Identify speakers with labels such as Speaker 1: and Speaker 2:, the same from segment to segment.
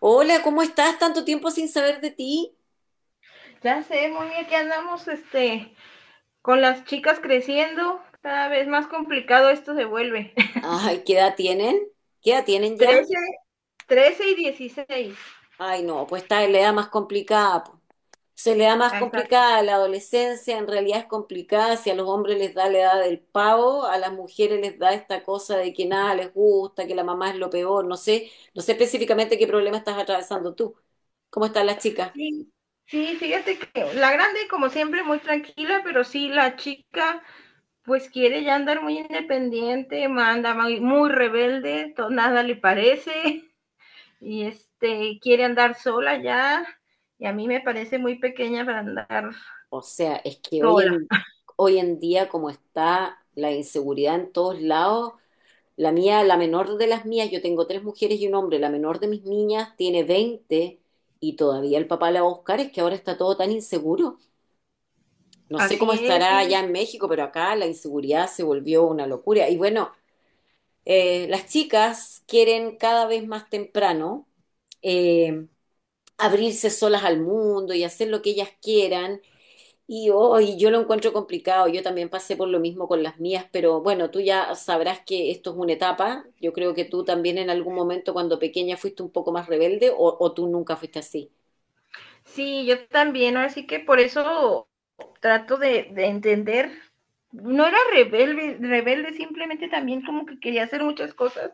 Speaker 1: Hola, ¿cómo estás? Tanto tiempo sin saber de ti.
Speaker 2: Ya sé, muy bien que andamos con las chicas creciendo, cada vez más complicado esto se vuelve.
Speaker 1: Ay, ¿qué edad tienen? ¿Qué edad tienen ya?
Speaker 2: 13, 13 y 16.
Speaker 1: Ay, no, pues está en la edad más complicada, po. Se le da más
Speaker 2: Ahí está.
Speaker 1: complicada la adolescencia, en realidad es complicada. Si a los hombres les da la edad del pavo, a las mujeres les da esta cosa de que nada les gusta, que la mamá es lo peor. No sé específicamente qué problema estás atravesando tú. ¿Cómo están las chicas?
Speaker 2: Sí, sí, fíjate que la grande, como siempre, muy tranquila, pero sí, la chica, pues quiere ya andar muy independiente, manda muy, muy rebelde, todo, nada le parece, y quiere andar sola ya, y a mí me parece muy pequeña para andar
Speaker 1: O sea, es que
Speaker 2: sola.
Speaker 1: hoy en día, como está la inseguridad en todos lados, la mía, la menor de las mías, yo tengo tres mujeres y un hombre, la menor de mis niñas tiene 20 y todavía el papá la va a buscar, es que ahora está todo tan inseguro. No sé cómo
Speaker 2: Así es,
Speaker 1: estará allá
Speaker 2: sí.
Speaker 1: en México, pero acá la inseguridad se volvió una locura. Y bueno, las chicas quieren cada vez más temprano eh, abrirse solas al mundo y hacer lo que ellas quieran. Y hoy yo lo encuentro complicado. Yo también pasé por lo mismo con las mías, pero bueno, tú ya sabrás que esto es una etapa. Yo creo que tú también en algún momento cuando pequeña fuiste un poco más rebelde o tú nunca fuiste así.
Speaker 2: Sí, yo también, ahora sí que por eso trato de entender. No era rebelde, rebelde, simplemente también como que quería hacer muchas cosas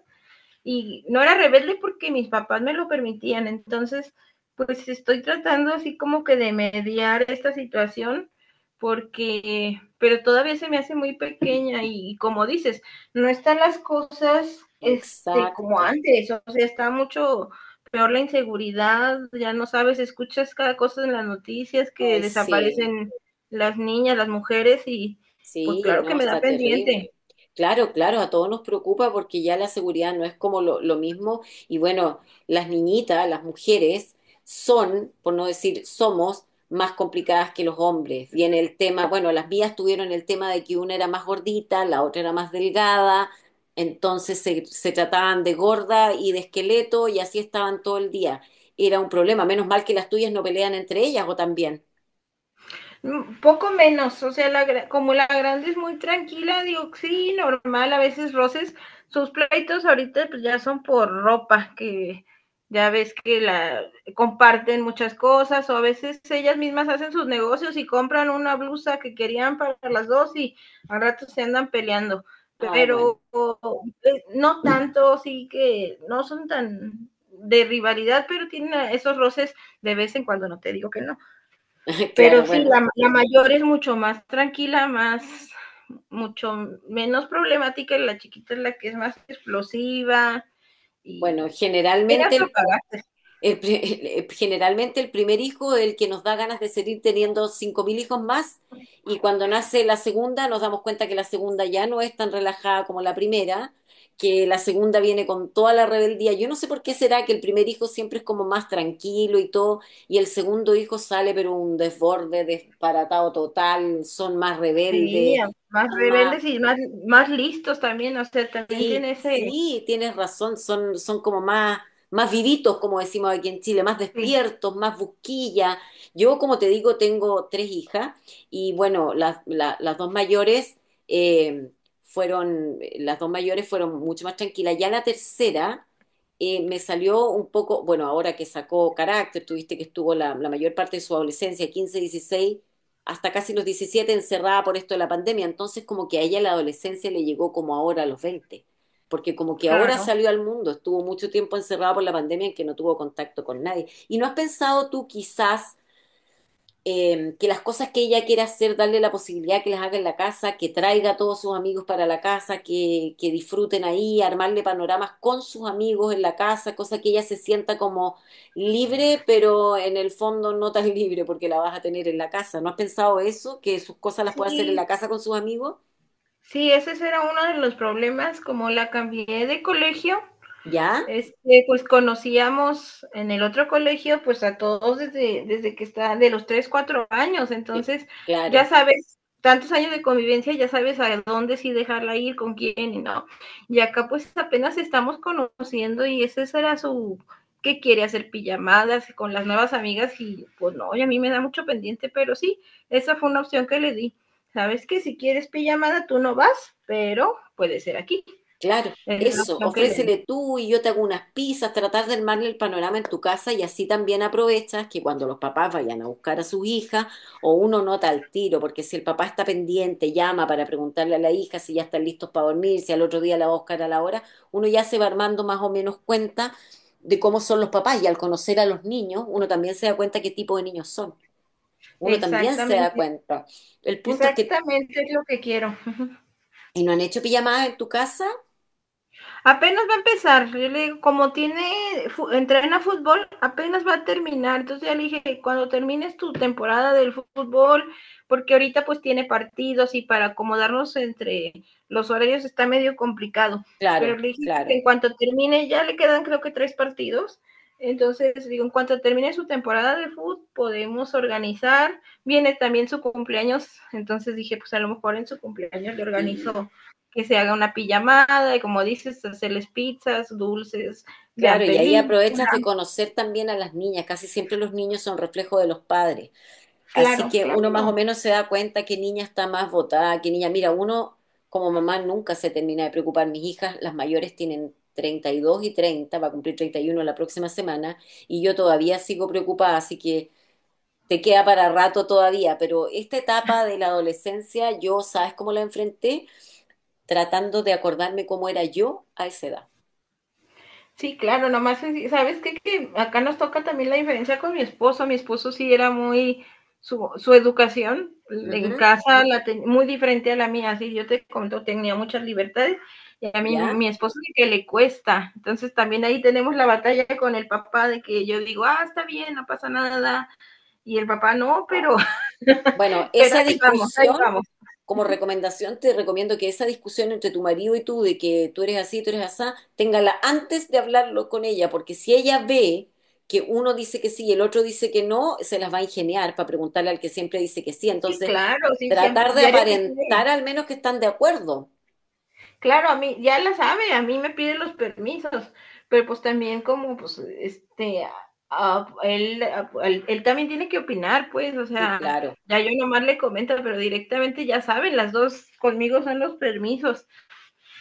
Speaker 2: y no era rebelde porque mis papás me lo permitían. Entonces, pues estoy tratando así como que de mediar esta situación porque, pero todavía se me hace muy pequeña y como dices, no están las cosas como
Speaker 1: Exacto.
Speaker 2: antes, o sea, está mucho peor la inseguridad, ya no sabes, escuchas cada cosa en las noticias que
Speaker 1: Ay, sí.
Speaker 2: desaparecen las niñas, las mujeres y pues
Speaker 1: Sí,
Speaker 2: claro que
Speaker 1: no,
Speaker 2: me da
Speaker 1: está
Speaker 2: pendiente.
Speaker 1: terrible. Claro, claro, a todos nos preocupa porque ya la seguridad no es como lo mismo. Y bueno, las niñitas, las mujeres, son, por no decir somos, más complicadas que los hombres. Viene el tema, bueno, las vías tuvieron el tema de que una era más gordita, la otra era más delgada, entonces se trataban de gorda y de esqueleto y así estaban todo el día. Era un problema, menos mal que las tuyas no pelean entre ellas o también.
Speaker 2: Poco menos, o sea, como la grande es muy tranquila, digo, sí, normal, a veces roces, sus pleitos ahorita pues ya son por ropa, que ya ves que la comparten muchas cosas, o a veces ellas mismas hacen sus negocios y compran una blusa que querían para las dos y al rato se andan peleando,
Speaker 1: Ay, bueno,
Speaker 2: pero no tanto, sí que no son tan de rivalidad, pero tienen esos roces de vez en cuando, no te digo que no. Pero
Speaker 1: claro,
Speaker 2: sí,
Speaker 1: bueno.
Speaker 2: la mayor es mucho más tranquila, mucho menos problemática, y la chiquita es la que es más explosiva
Speaker 1: Bueno,
Speaker 2: y tiene
Speaker 1: generalmente
Speaker 2: otro carácter,
Speaker 1: el pri- generalmente el primer hijo es el que nos da ganas de seguir teniendo 5.000 hijos más y cuando nace la segunda nos damos cuenta que la segunda ya no es tan relajada como la primera, que la segunda viene con toda la rebeldía. Yo no sé por qué será que el primer hijo siempre es como más tranquilo y todo y el segundo hijo sale pero un desborde, desparatado total, son más
Speaker 2: sí,
Speaker 1: rebeldes.
Speaker 2: más rebeldes y más, más listos también, o sea, también
Speaker 1: Sí,
Speaker 2: tiene ese,
Speaker 1: sí, tienes razón, son como más, más vivitos, como decimos aquí en Chile, más
Speaker 2: sí,
Speaker 1: despiertos, más busquilla. Yo, como te digo, tengo tres hijas y bueno, eh, las dos mayores fueron mucho más tranquilas. Ya la tercera me salió un poco, bueno, ahora que sacó carácter, tuviste que estuvo la mayor parte de su adolescencia, 15 16 hasta casi los 17 encerrada por esto de la pandemia, entonces como que a ella la adolescencia le llegó como ahora a los 20 porque como que ahora
Speaker 2: claro.
Speaker 1: salió al mundo, estuvo mucho tiempo encerrado por la pandemia en que no tuvo contacto con nadie. ¿Y no has pensado tú quizás que las cosas que ella quiere hacer, darle la posibilidad que las haga en la casa, que traiga a todos sus amigos para la casa, que disfruten ahí, armarle panoramas con sus amigos en la casa, cosa que ella se sienta como libre, pero en el fondo no tan libre porque la vas a tener en la casa? ¿No has pensado eso? Que sus cosas las puede hacer en la
Speaker 2: Sí,
Speaker 1: casa con sus amigos.
Speaker 2: sí, ese era uno de los problemas, como la cambié de colegio.
Speaker 1: ¿Ya?
Speaker 2: Pues conocíamos en el otro colegio, pues a todos desde que está de los 3 4 años,
Speaker 1: Eh,
Speaker 2: entonces ya
Speaker 1: Claro.
Speaker 2: sabes, tantos años de convivencia, ya sabes a dónde sí dejarla ir, con quién y no. Y acá pues apenas estamos conociendo y ese será su, que quiere hacer pijamadas con las nuevas amigas y pues no, y a mí me da mucho pendiente, pero sí, esa fue una opción que le di. Sabes que si quieres pijamada tú no vas, pero puede ser aquí.
Speaker 1: Claro,
Speaker 2: Es la
Speaker 1: eso,
Speaker 2: opción que le di.
Speaker 1: ofrécele tú y yo te hago unas pizzas, tratar de armarle el panorama en tu casa y así también aprovechas que cuando los papás vayan a buscar a sus hijas o uno nota al tiro, porque si el papá está pendiente, llama para preguntarle a la hija si ya están listos para dormir, si al otro día la va a buscar a la hora, uno ya se va armando más o menos cuenta de cómo son los papás y al conocer a los niños, uno también se da cuenta qué tipo de niños son, uno también se da
Speaker 2: Exactamente.
Speaker 1: cuenta. El punto es que,
Speaker 2: Exactamente, es lo que quiero.
Speaker 1: ¿y no han hecho pijamadas en tu casa?
Speaker 2: Apenas va a empezar, yo le digo, como tiene, entrena fútbol, apenas va a terminar. Entonces ya le dije, cuando termines tu temporada del fútbol, porque ahorita pues tiene partidos y para acomodarnos entre los horarios está medio complicado.
Speaker 1: Claro,
Speaker 2: Pero le dije que
Speaker 1: claro.
Speaker 2: en cuanto termine, ya le quedan creo que tres partidos. Entonces, digo, en cuanto termine su temporada de fútbol, podemos organizar. Viene también su cumpleaños, entonces dije, pues a lo mejor en su cumpleaños le
Speaker 1: Sí,
Speaker 2: organizo que se haga una pijamada, y como dices, hacerles pizzas, dulces,
Speaker 1: claro,
Speaker 2: vean
Speaker 1: y ahí
Speaker 2: películas,
Speaker 1: aprovechas de conocer también a las niñas. Casi siempre los niños son reflejo de los padres. Así
Speaker 2: claro,
Speaker 1: que uno más o
Speaker 2: claro.
Speaker 1: menos se da cuenta qué niña está más votada, qué niña. Mira, uno como mamá nunca se termina de preocupar. Mis hijas, las mayores, tienen 32 y 30, va a cumplir 31 la próxima semana, y yo todavía sigo preocupada, así que te queda para rato todavía. Pero esta etapa de la adolescencia, yo, ¿sabes cómo la enfrenté? Tratando de acordarme cómo era yo a esa edad.
Speaker 2: Sí, claro, nomás, ¿sabes qué? Que acá nos toca también la diferencia con mi esposo. Mi esposo sí era muy, su educación en
Speaker 1: Ujú.
Speaker 2: casa la muy diferente a la mía. Así yo te conto, tenía muchas libertades y a mí
Speaker 1: ¿Ya?
Speaker 2: mi esposo sí que le cuesta. Entonces también ahí tenemos la batalla con el papá de que yo digo, ah, está bien, no pasa nada. Y el papá, no, pero,
Speaker 1: Bueno,
Speaker 2: pero
Speaker 1: esa
Speaker 2: ahí vamos, ahí
Speaker 1: discusión,
Speaker 2: vamos.
Speaker 1: como recomendación, te recomiendo que esa discusión entre tu marido y tú, de que tú eres así, tú eres asá, téngala antes de hablarlo con ella, porque si ella ve que uno dice que sí y el otro dice que no, se las va a ingeniar para preguntarle al que siempre dice que sí.
Speaker 2: Sí,
Speaker 1: Entonces,
Speaker 2: claro, sí, siempre,
Speaker 1: tratar de
Speaker 2: diario me pide,
Speaker 1: aparentar al menos que están de acuerdo.
Speaker 2: claro, a mí, ya la sabe, a mí me pide los permisos, pero pues también como, pues, él también tiene que opinar, pues, o
Speaker 1: Sí,
Speaker 2: sea,
Speaker 1: claro,
Speaker 2: ya yo nomás le comento, pero directamente ya saben, las dos conmigo son los permisos.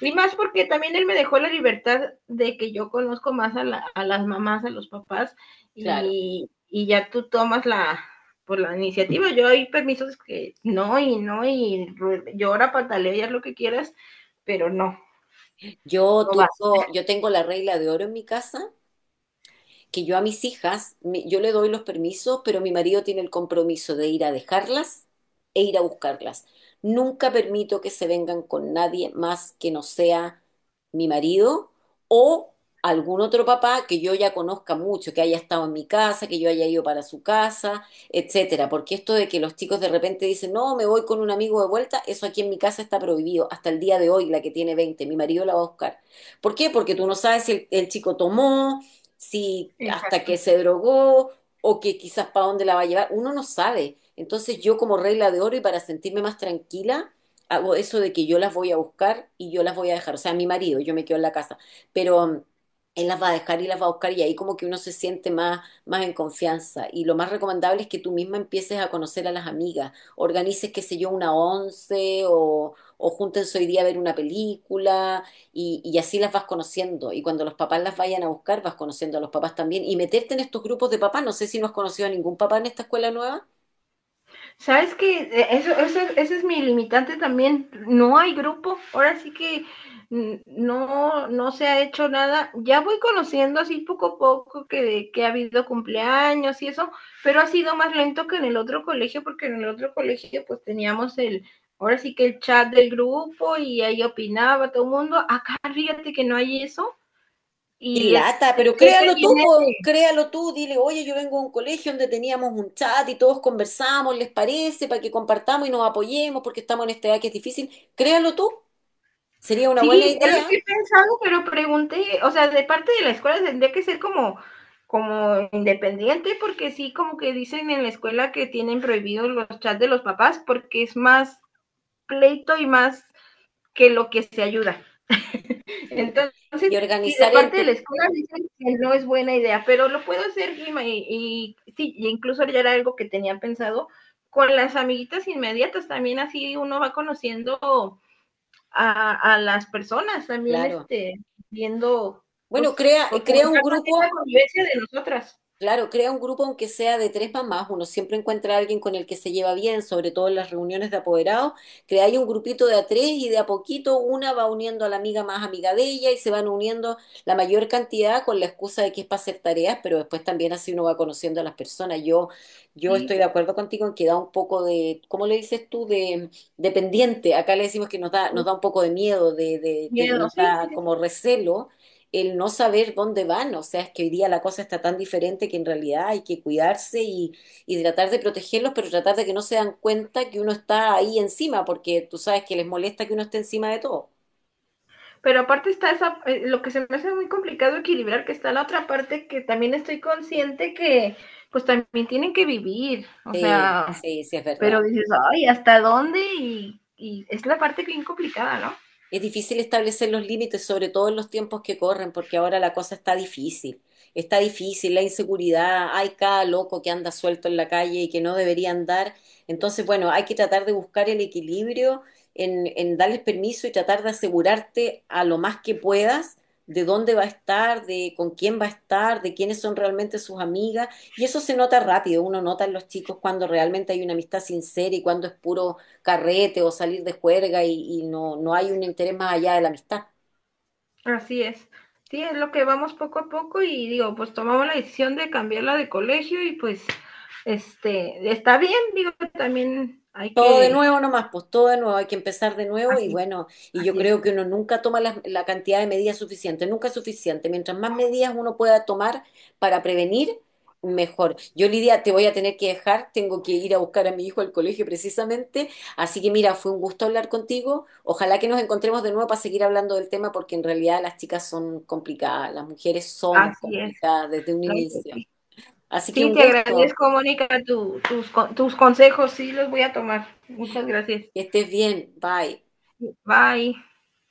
Speaker 2: Y más porque también él me dejó la libertad de que yo conozco más a las mamás, a los papás,
Speaker 1: claro.
Speaker 2: y ya tú tomas la, por la iniciativa. Yo hay permisos que no, y no, y llora, patalea, haz lo que quieras, pero no,
Speaker 1: Yo,
Speaker 2: no
Speaker 1: tu-
Speaker 2: vas.
Speaker 1: yo tengo la regla de oro en mi casa que yo a mis hijas, yo le doy los permisos, pero mi marido tiene el compromiso de ir a dejarlas e ir a buscarlas. Nunca permito que se vengan con nadie más que no sea mi marido o algún otro papá que yo ya conozca mucho, que haya estado en mi casa, que yo haya ido para su casa, etcétera. Porque esto de que los chicos de repente dicen, no, me voy con un amigo de vuelta, eso aquí en mi casa está prohibido. Hasta el día de hoy, la que tiene 20 mi marido la va a buscar. ¿Por qué? Porque tú no sabes si el chico tomó, si hasta
Speaker 2: Exacto.
Speaker 1: que se drogó o que quizás para dónde la va a llevar, uno no sabe. Entonces yo como regla de oro y para sentirme más tranquila, hago eso de que yo las voy a buscar y yo las voy a dejar, o sea, mi marido, yo me quedo en la casa, pero él las va a dejar y las va a buscar y ahí como que uno se siente más, más en confianza. Y lo más recomendable es que tú misma empieces a conocer a las amigas, organices, qué sé yo, una once o júntense hoy día a ver una película y así las vas conociendo. Y cuando los papás las vayan a buscar, vas conociendo a los papás también. Y meterte en estos grupos de papás. No sé si no has conocido a ningún papá en esta escuela nueva.
Speaker 2: ¿Sabes qué? Eso, eso, ese es mi limitante también. No hay grupo. Ahora sí que no se ha hecho nada. Ya voy conociendo así poco a poco que ha habido cumpleaños y eso, pero ha sido más lento que en el otro colegio, porque en el otro colegio pues teníamos el, ahora sí que el chat del grupo y ahí opinaba todo el mundo. Acá fíjate que no hay eso.
Speaker 1: Y
Speaker 2: Y
Speaker 1: lata, pero
Speaker 2: creo que
Speaker 1: créalo tú,
Speaker 2: viene de,
Speaker 1: po, créalo tú, dile, oye, yo vengo de un colegio donde teníamos un chat y todos conversamos, ¿les parece? Para que compartamos y nos apoyemos porque estamos en esta edad que es difícil. Créalo tú, sería una buena
Speaker 2: sí, es lo
Speaker 1: idea.
Speaker 2: que he pensado, pero pregunté, o sea, de parte de la escuela tendría que ser como, como independiente, porque sí, como que dicen en la escuela que tienen prohibidos los chats de los papás, porque es más pleito y más que lo que se ayuda.
Speaker 1: Puta.
Speaker 2: Entonces,
Speaker 1: Y
Speaker 2: si de
Speaker 1: organizar en
Speaker 2: parte de la
Speaker 1: tu,
Speaker 2: escuela dicen que no es buena idea, pero lo puedo hacer y sí, y incluso ya era algo que tenía pensado con las amiguitas inmediatas, también así uno va conociendo a las personas también,
Speaker 1: claro.
Speaker 2: viendo,
Speaker 1: Bueno,
Speaker 2: pues,
Speaker 1: crea,
Speaker 2: pues
Speaker 1: crea un
Speaker 2: fomentar también la
Speaker 1: grupo.
Speaker 2: convivencia de nosotras,
Speaker 1: Claro, crea un grupo aunque sea de tres mamás, uno siempre encuentra a alguien con el que se lleva bien, sobre todo en las reuniones de apoderados, crea ahí un grupito de a tres y de a poquito una va uniendo a la amiga más amiga de ella y se van uniendo la mayor cantidad con la excusa de que es para hacer tareas, pero después también así uno va conociendo a las personas. Yo estoy
Speaker 2: sí,
Speaker 1: de acuerdo contigo en que da un poco de, ¿cómo le dices tú? De pendiente, acá le decimos que nos da,
Speaker 2: sí,
Speaker 1: un poco de miedo,
Speaker 2: miedo,
Speaker 1: nos
Speaker 2: sí, sí,
Speaker 1: da
Speaker 2: sí.
Speaker 1: como recelo el no saber dónde van, o sea, es que hoy día la cosa está tan diferente que en realidad hay que cuidarse y tratar de protegerlos, pero tratar de que no se dan cuenta que uno está ahí encima, porque tú sabes que les molesta que uno esté encima de todo.
Speaker 2: Pero aparte está esa, lo que se me hace muy complicado equilibrar, que está la otra parte que también estoy consciente que, pues también tienen que vivir, o
Speaker 1: Sí,
Speaker 2: sea,
Speaker 1: sí, sí, es
Speaker 2: pero
Speaker 1: verdad.
Speaker 2: dices, ay, ¿hasta dónde? Y es la parte bien complicada, ¿no?
Speaker 1: Es difícil establecer los límites, sobre todo en los tiempos que corren, porque ahora la cosa está difícil. Está difícil, la inseguridad, hay cada loco que anda suelto en la calle y que no debería andar. Entonces, bueno, hay que tratar de buscar el equilibrio en darles permiso y tratar de asegurarte a lo más que puedas de dónde va a estar, de con quién va a estar, de quiénes son realmente sus amigas. Y eso se nota rápido, uno nota en los chicos cuando realmente hay una amistad sincera y cuando es puro carrete o salir de juerga y no, no hay un interés más allá de la amistad.
Speaker 2: Así es. Sí, es lo que vamos poco a poco y digo, pues tomamos la decisión de cambiarla de colegio y pues este está bien, digo, también hay
Speaker 1: Todo de
Speaker 2: que
Speaker 1: nuevo nomás, pues todo de nuevo, hay que empezar de nuevo y
Speaker 2: así,
Speaker 1: bueno, y yo
Speaker 2: así es,
Speaker 1: creo que uno nunca toma la cantidad de medidas suficiente, nunca es suficiente. Mientras más medidas uno pueda tomar para prevenir, mejor. Yo, Lidia, te voy a tener que dejar, tengo que ir a buscar a mi hijo al colegio precisamente, así que mira, fue un gusto hablar contigo. Ojalá que nos encontremos de nuevo para seguir hablando del tema porque en realidad las chicas son complicadas, las mujeres somos
Speaker 2: así es.
Speaker 1: complicadas desde un
Speaker 2: ¿No?
Speaker 1: inicio.
Speaker 2: Sí,
Speaker 1: Así que
Speaker 2: sí,
Speaker 1: un
Speaker 2: te
Speaker 1: gusto,
Speaker 2: agradezco, Mónica, tus, tus consejos, sí los voy a tomar. Muchas gracias.
Speaker 1: que estés bien, bye.
Speaker 2: Bye.